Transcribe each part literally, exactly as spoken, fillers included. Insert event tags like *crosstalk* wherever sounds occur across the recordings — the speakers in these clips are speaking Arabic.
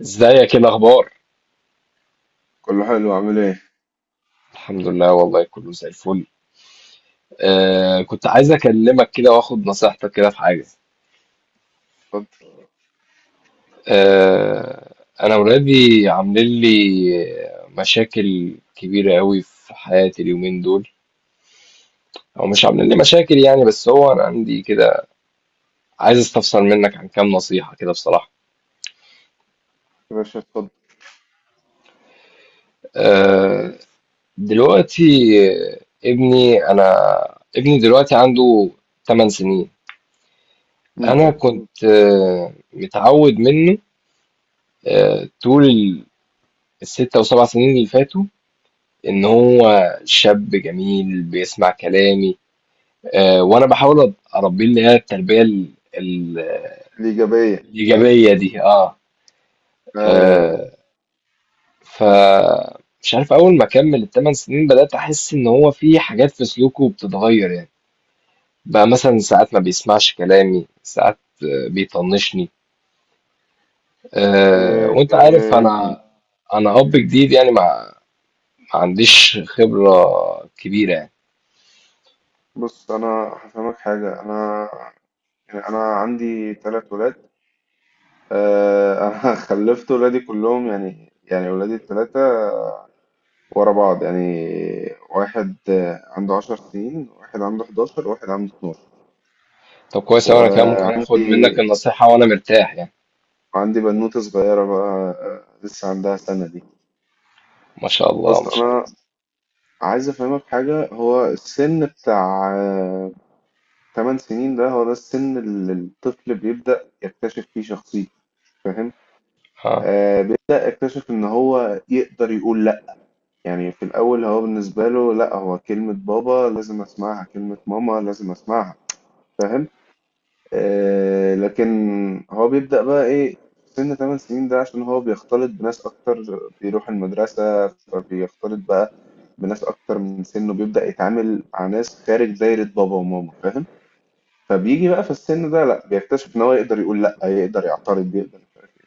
ازيك؟ ايه الاخبار؟ كله حلو عامل ايه؟ الحمد لله، والله كله زي الفل. آه كنت عايز اكلمك كده واخد نصيحتك كده في حاجه. اتفضل. آه انا ولادي عاملين لي مشاكل كبيره قوي في حياتي اليومين دول، او مش عاملين لي مشاكل يعني، بس هو انا عندي كده، عايز استفسر منك عن كام نصيحه كده بصراحه. يا باشا اتفضل. آه دلوقتي، ابني انا ابني دلوقتي عنده 8 سنين. مم. انا كنت آه، متعود منه آه، طول ال- الستة وسبع سنين اللي فاتوا، ان هو شاب جميل بيسمع كلامي. آه، وانا بحاول أ- اربيه، اللي هي التربية ال- ال- الإيجابية. الايجابية دي. اه. لا يا. آه، ف مش عارف، اول ما كمل التمن سنين بدأت احس ان هو في حاجات في سلوكه بتتغير، يعني بقى مثلا ساعات ما بيسمعش كلامي، ساعات آه، بيطنشني. آه، إيه وانت عارف، إيه. انا انا اب جديد يعني، ما ما عنديش خبرة كبيرة. بص أنا هفهمك حاجة. أنا يعني أنا عندي تلات ولاد. آه، *laughs* أنا خلفت ولادي كلهم يعني يعني ولادي التلاتة ورا بعض يعني. واحد آه، عنده عشر سنين، واحد عنده حداشر، واحد عنده اتناشر. طب كويس أوي، أنا كده ممكن آخد منك وعندي النصيحة وأنا مرتاح يعني. عندي بنوتة صغيرة بقى، آه، لسه عندها سنة دي. ما شاء الله، بص ما شاء الله. أنا عايز افهمك حاجة، هو السن بتاع 8 سنين ده هو ده السن اللي الطفل بيبدأ يكتشف فيه شخصيته. فاهم؟ ها. آه، بيبدأ يكتشف ان هو يقدر يقول لا. يعني في الاول هو بالنسبة له لا، هو كلمة بابا لازم اسمعها، كلمة ماما لازم اسمعها. فاهم؟ آه، لكن هو بيبدأ بقى ايه في سن 8 سنين ده؟ عشان هو بيختلط بناس اكتر، بيروح المدرسة، بيختلط بقى بناس اكتر من سنه، بيبدأ يتعامل مع ناس خارج دايرة بابا وماما. فاهم؟ فبيجي بقى في السن ده، لا، بيكتشف ان هو يقدر يقول لا، يقدر يعترض، يقدر مش عارف ايه.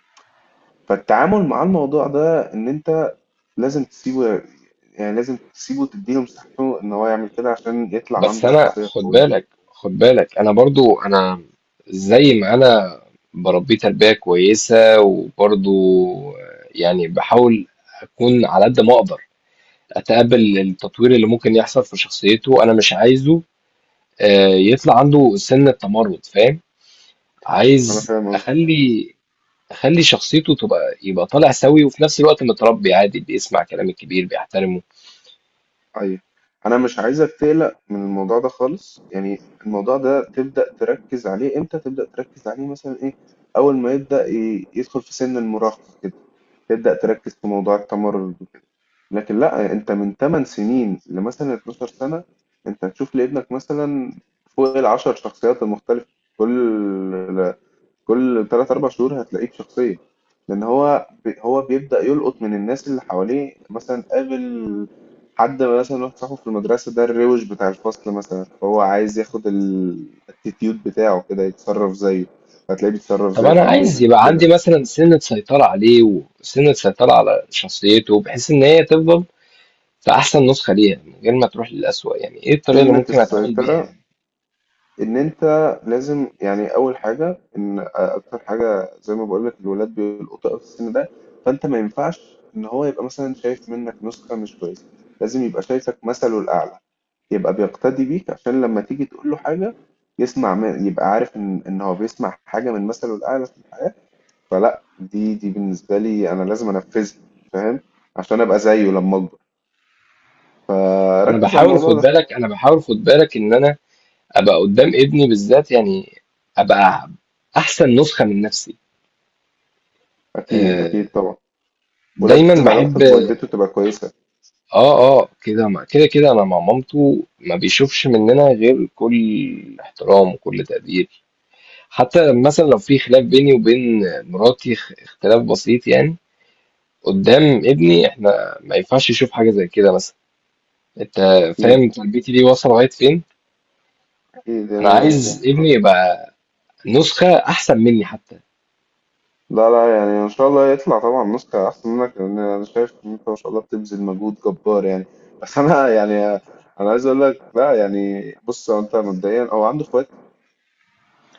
فالتعامل مع الموضوع ده ان انت لازم تسيبه. يعني لازم تسيبه وتديله مساحته ان هو يعمل كده عشان يطلع بس عنده أنا، شخصية خد قوية. بالك، خد بالك، أنا برضو، أنا زي ما أنا بربيه تربية كويسة، وبرضو يعني بحاول أكون على قد ما أقدر أتقبل التطوير اللي ممكن يحصل في شخصيته. أنا مش عايزه آه، يطلع عنده سن التمرد، فاهم؟ انا عايز فاهم قصدي. أخلي أخلي شخصيته تبقى، يبقى طالع سوي، وفي نفس الوقت متربي عادي بيسمع كلام الكبير بيحترمه. ايوه، انا مش عايزك تقلق من الموضوع ده خالص. يعني الموضوع ده تبدأ تركز عليه امتى؟ تبدأ تركز عليه مثلا ايه، اول ما يبدأ ي- يدخل في سن المراهقة كده، تبدأ تركز في موضوع التمرد وكده. لكن لا، انت من 8 سنين لمثلا 12 سنة انت هتشوف لابنك مثلا فوق العشر شخصيات المختلفة. كل كل ثلاث أربعة شهور هتلاقيه بشخصية، لأن هو بي هو بيبدأ يلقط من الناس اللي حواليه. مثلا قابل حد مثلا، واحد صاحبه في المدرسة ده الروش بتاع الفصل مثلا، فهو عايز ياخد الاتيتيود بتاعه كده، يتصرف زيه. هتلاقيه بيتصرف طب زيه انا في البيت عايز يبقى كده. عندي مثلا سنة سيطرة عليه، وسنة سيطرة على شخصيته، بحيث ان هي تفضل في احسن نسخة ليها من غير ما تروح للأسوأ. يعني ايه الطريقة اللي سنة ممكن اتعامل بيها السيطرة يعني؟ إن أنت لازم، يعني أول حاجة إن أكتر حاجة زي ما بقولك الولاد بيلقطوا أوي في السن ده. فأنت ما ينفعش إن هو يبقى مثلا شايف منك نسخة مش كويسة. لازم يبقى شايفك مثله الأعلى، يبقى بيقتدي بيك، عشان لما تيجي تقول له حاجة يسمع من، يبقى عارف ان ان هو بيسمع حاجة من مثله الأعلى في الحياة. فلا دي دي بالنسبة لي انا لازم انفذها. فاهم؟ عشان ابقى زيه لما اكبر. آه، انا ركز على بحاول الموضوع خد ده. بالك انا بحاول خد بالك ان انا ابقى قدام ابني بالذات يعني، ابقى احسن نسخة من نفسي. اكيد آه، اكيد طبعا. دايما ولازم بحب. علاقتك بوالدته تبقى كويسة. اه، اه، كده، مع- كده كده انا مع مامته ما بيشوفش مننا غير كل احترام وكل تقدير. حتى مثلا لو في خلاف بيني وبين مراتي، خ- اختلاف بسيط يعني، قدام ابني احنا ما ينفعش يشوف حاجة زي كده مثلا. انت اكيد فاهم تربيتي دي واصلة لغاية فين؟ اكيد انا يعني. عايز فاهم ابني يبقى نسخة احسن مني حتى. لا لا يعني ان شاء الله يطلع طبعا نسخة احسن منك، لان انا شايف ان انت ما شاء الله بتبذل مجهود جبار يعني. بس انا يعني انا عايز اقول لك لا. يعني بص، هو انت مبدئيا او عنده اخوات؟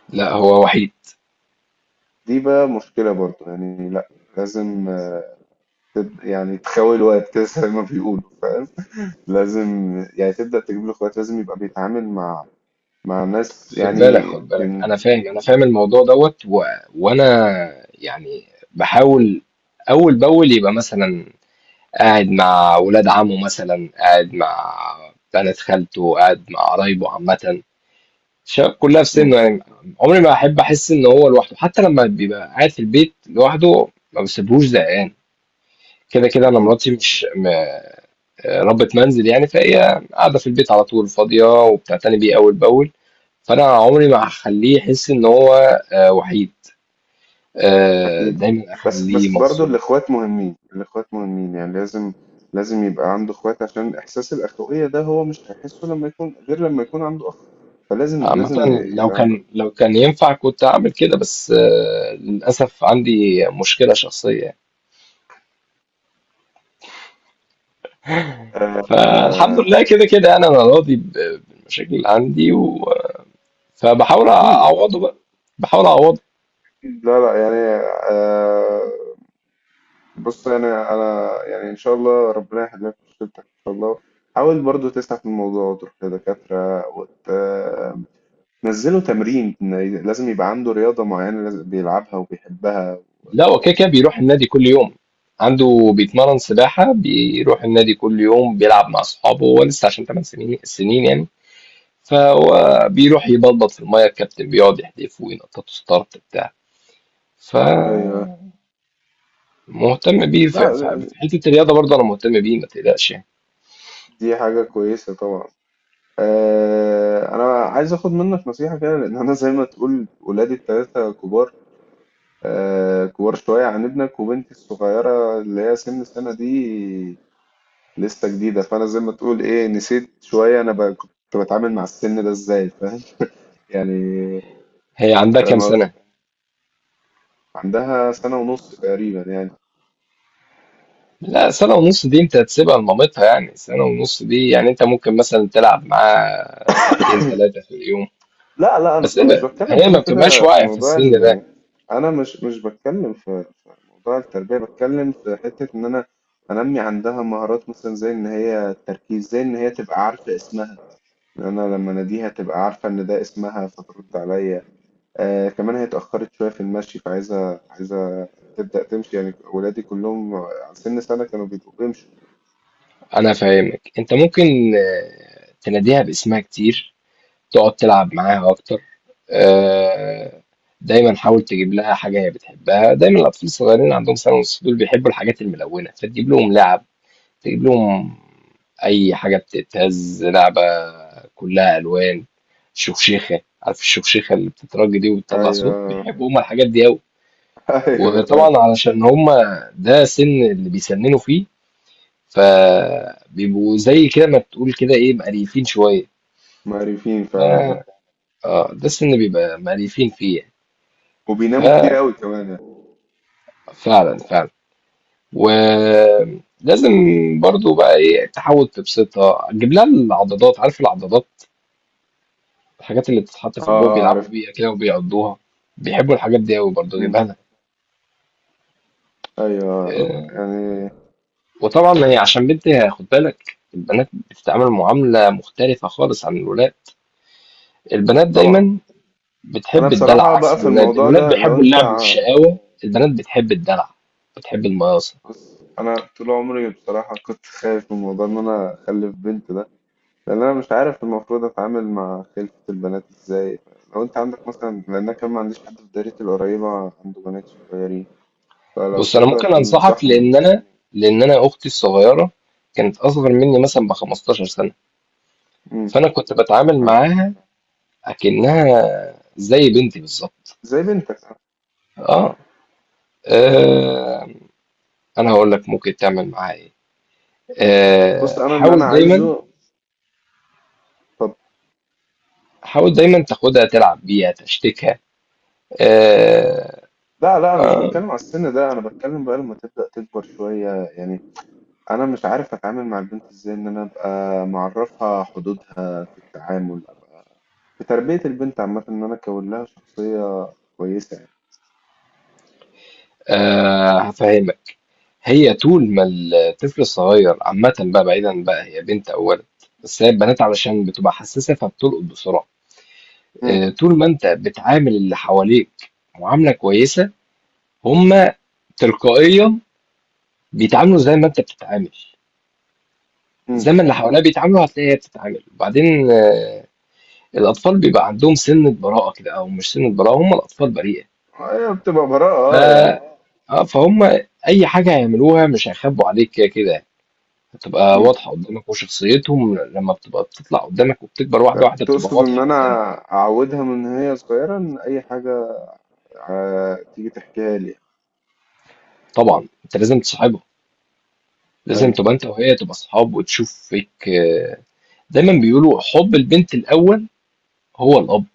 لا، هو وحيد. دي بقى مشكلة برضو يعني. لأ، لازم آه، تبدأ يعني تخاوي الوقت كده زي ما بيقولوا. فاهم؟ لازم يعني تبدأ تجيب له اخوات، لازم يبقى بيتعامل مع مع ناس خد يعني. بالك، خد بالك، من انا فاهم انا فاهم الموضوع دوت و... وانا يعني بحاول اول باول يبقى مثلا قاعد مع ولاد عمه، مثلا قاعد مع بنات خالته، قاعد مع قرايبه عامة، شا- كلها في مم، سنه يعني. عمري ما احب احس ان هو لوحده، حتى لما بيبقى قاعد في البيت لوحده ما بسيبهوش زهقان. كده كده انا أكيد مراتي مش م... ربة منزل يعني، فهي قاعده في البيت على طول فاضيه وبتعتني بيه اول باول. فانا عمري ما هخليه يحس ان هو آه، وحيد. آه، أكيد. دايما بس اخليه بس برضو مبسوط. الإخوات مهمين، الإخوات مهمين يعني. لازم لازم يبقى عنده إخوات عشان إحساس الأخوية ده هو مش هيحسه لما يكون غير لما يكون عنده أخ. فلازم لازم عامة لو يبقى عنده. كان لو كان ينفع كنت اعمل كده، بس آه، للاسف عندي مشكله شخصيه. آه، فالحمد آه، لله كده كده يعني انا راضي ب- بالمشاكل اللي عندي و... فبحاول أكيد أكيد. اعوضه بقى، بحاول اعوضه. لا لا يعني. آه، بص انا انا يعني ان شاء الله ربنا يحل لك مشكلتك ان شاء الله. حاول برضو تسعى في الموضوع وتروح لدكاترة وتنزله تمرين. لازم يبقى عنده رياضة معينة لازم بيلعبها وبيحبها. لا، هو كده كده بيروح النادي كل يوم. عنده بيتمرن سباحة، بيروح النادي كل يوم، بيلعب مع أصحابه، هو لسه عشان 8 سنين سنين يعني، فهو بيروح يبلبط في المية، الكابتن بيقعد يحدفه وينططه ستارت بتاع. ايوه. فمهتم بيه في لا، في- في حتة الرياضة برضه، أنا مهتم بيه ما تقلقش يعني. دي حاجة كويسة طبعا. آه، أنا عايز أخد منك نصيحة كده لأن أنا زي ما تقول ولادي التلاتة كبار. آه، كبار شوية عن ابنك، وبنتي الصغيرة اللي هي سن السنة دي لسه جديدة. فأنا زي ما تقول إيه، نسيت شوية أنا ب- كنت بتعامل مع السن ده إزاي. فاهم يعني؟ هي عندها كام فاهم قصدي؟ سنة؟ عندها سنة ونص تقريبا يعني. لا، سنة ونص دي انت هتسيبها لمامتها يعني، سنة ونص دي يعني انت ممكن مثلا تلعب معاها ساعتين ثلاثة في اليوم، لا لا، أنا بس مش هي بتكلم هي كده ما بتبقاش كده في واعية في موضوع السن ده. ال... أنا مش مش بتكلم في في موضوع التربية، بتكلم في حتة إن أنا أنمي عندها مهارات مثلا زي إن هي التركيز، زي إن هي تبقى عارفة اسمها، إن أنا لما أناديها تبقى عارفة إن ده اسمها فترد عليا. آه، كمان هي اتأخرت شوية في المشي، فعايزة عايزة تبدأ تمشي. يعني ولادي كلهم على سن سنة كانوا بيبقوا بيمشوا. انا فاهمك، انت ممكن آه، تناديها باسمها كتير، تقعد تلعب معاها اكتر. آه، دايما حاول تجيب لها حاجة هي بتحبها، دايما الاطفال الصغيرين عندهم سنة ونص دول بيحبوا الحاجات الملونة، فتجيب لهم لعب، تجيب لهم أي حاجة بتتهز، لعبة كلها ألوان. شوشيخة، عارف الشوشيخة اللي بتترج دي وبتطلع صوت؟ أيوه. بيحبوا هما الحاجات دي أوي. *laughs* أيوه فعلا. وطبعا علشان هما ده سن اللي بيسننوا فيه، فبيبقوا زي كده ما تقول كده إيه، مقريفين شوية. معرفين فعلا، اه. اه، ده السن اللي بيبقى مقريفين فيه يعني. وبيناموا كتير قوي كمان يعني. ففعلا، فعلا. ولازم برضو بقى ايه، تحاول تبسطها، تجيب لها العضادات، عارف العضادات الحاجات اللي بتتحط اه في البوق اه بيلعبوا عرفت. بيها كده وبيقضوها؟ بيحبوا الحاجات دي قوي برضه، مم. جايبها لك. أيوه آه، يعني. وطبعا هي عشان بنت، هي- خد بالك، البنات بتتعامل معاملة مختلفة خالص عن الولاد. البنات طبعا. دايما أنا بتحب الدلع، بصراحة عكس بقى في الولاد الموضوع الولاد ده لو بيحبوا أنت اللعب ع- والشقاوة، البنات بتحب الدلع، بتحب المقاصة. بص أنا طول عمري بصراحة كنت خايف من موضوع إن أنا أخلف بنت ده. لان انا مش عارف المفروض اتعامل مع خلفة البنات ازاي. لو انت عندك مثلا، لان انا كمان ما عنديش حد في دايرتي القريبة عنده بنات صغيرين، فلو بص انا تقدر ممكن انصحك، تنصحني. لان انا، لان انا اختي الصغيرة كانت اصغر مني مثلا ب 15 سنة، امم. فانا كنت بتعامل آه. معاها اكنها زي بنتي بالظبط. زي بنتك. اه. آه، انا هقول لك ممكن تعمل معاها ايه. بص آه، انا اللي انا حاول دايما، عايزه، طب حاول دايما تاخدها تلعب بيها تشتكها. آه، لا لا، انا مش بتكلم على السن ده، انا بتكلم بقى لما تبدأ تكبر شوية. يعني انا مش عارف اتعامل مع البنت ازاي، ان انا ابقى معرفها حدودها في التعامل، في تربية البنت عامة ان انا اكون لها شخصية كويسة يعني. آه، هفهمك. هي طول ما الطفل الصغير عامة بقى، بعيدا بقى هي بنت او ولد، بس هي البنات علشان بتبقى حساسة فبتلقط بسرعة. امم آه، طول ما انت بتعامل اللي حواليك معاملة كويسة، هما تلقائيا بيتعاملوا زي ما انت بتتعامل. امم زي ما اللي حواليها بيتعاملوا هتلاقي هي بتتعامل. وبعدين آه، الأطفال بيبقى عندهم سِنّة براءة كده، أو مش سِنّة براءة، هُم الأطفال بريئة، هي بتبقى براءة، ف اه يعني. آه، فهُم أي حاجة هيعملوها مش هيخبّوا عليك، كده كده هتبقى إمم. واضحة قُدّامك. وشخصيتهم لمّا بتبقى بتطلع قُدّامك وبتكبر ت واحدة، واحدة، بتبقى تقصد إن واضحة أنا قُدّامك. أعوّدها من هي صغيرة إن أي حاجة آآ تيجي تحكيها لي؟ طبعًا أنت لازم تصاحبها، لازم أيوه. تبقى أنت وهي تبقى أصحاب وتشوف فيك آه، دايمًا بيقولوا حُب البنت الأول هو الأب.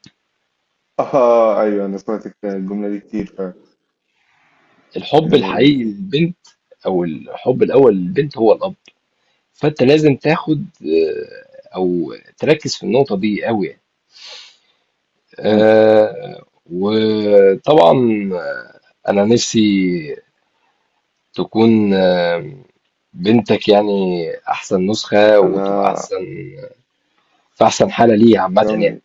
آه، أيوه أنا سمعت الك الجملة دي كتير فعلًا. الحُب الحقيقي آآ للبنت، أو الحُب الأول للبنت، هو الأب. فأنت لازم تاخد، آآ، أو تركّز في النقطة دي أوي يعني. إمم. آه، وطبعا انا نفسي تكون آه، بنتك يعني احسن نسخة، وتبقى أنا احسن في احسن حالة ليها عامة تسلم يعني. لي،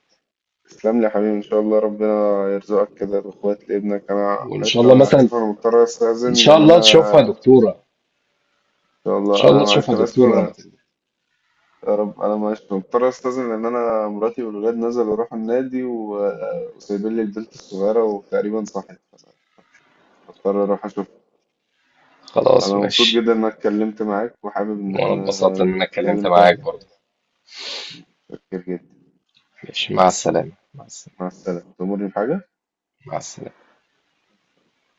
تسلم لي يا حبيبي، إن شاء الله ربنا يرزقك كده بإخوات لابنك. أنا وان شاء معلش، الله أنا مثلا، آسف، أنا مضطر ان أستأذن شاء لإن الله أنا، تشوفها إن دكتورة، ان شاء الله. شاء الله أنا تشوفها معلش أنا آسف دكتورة لما أنا، تكبر. يا رب، أنا معلش مضطر أستأذن لإن أنا مراتي والولاد نزلوا راحوا النادي، و وسايبين لي البنت الصغيرة وتقريبًا صحيت، هاضطر أروح أشوفها. خلاص، انا مبسوط ماشي. جدا انك اتكلمت معاك، وحابب ان وانا احنا اتبسطت ان نبقى انا اتكلمت نتكلم تاني. معاك برضه. متشكر جدا. ماشي، مع السلامة، مع السلامة. مع السلامة. تأمرني بحاجة. مع السلامة.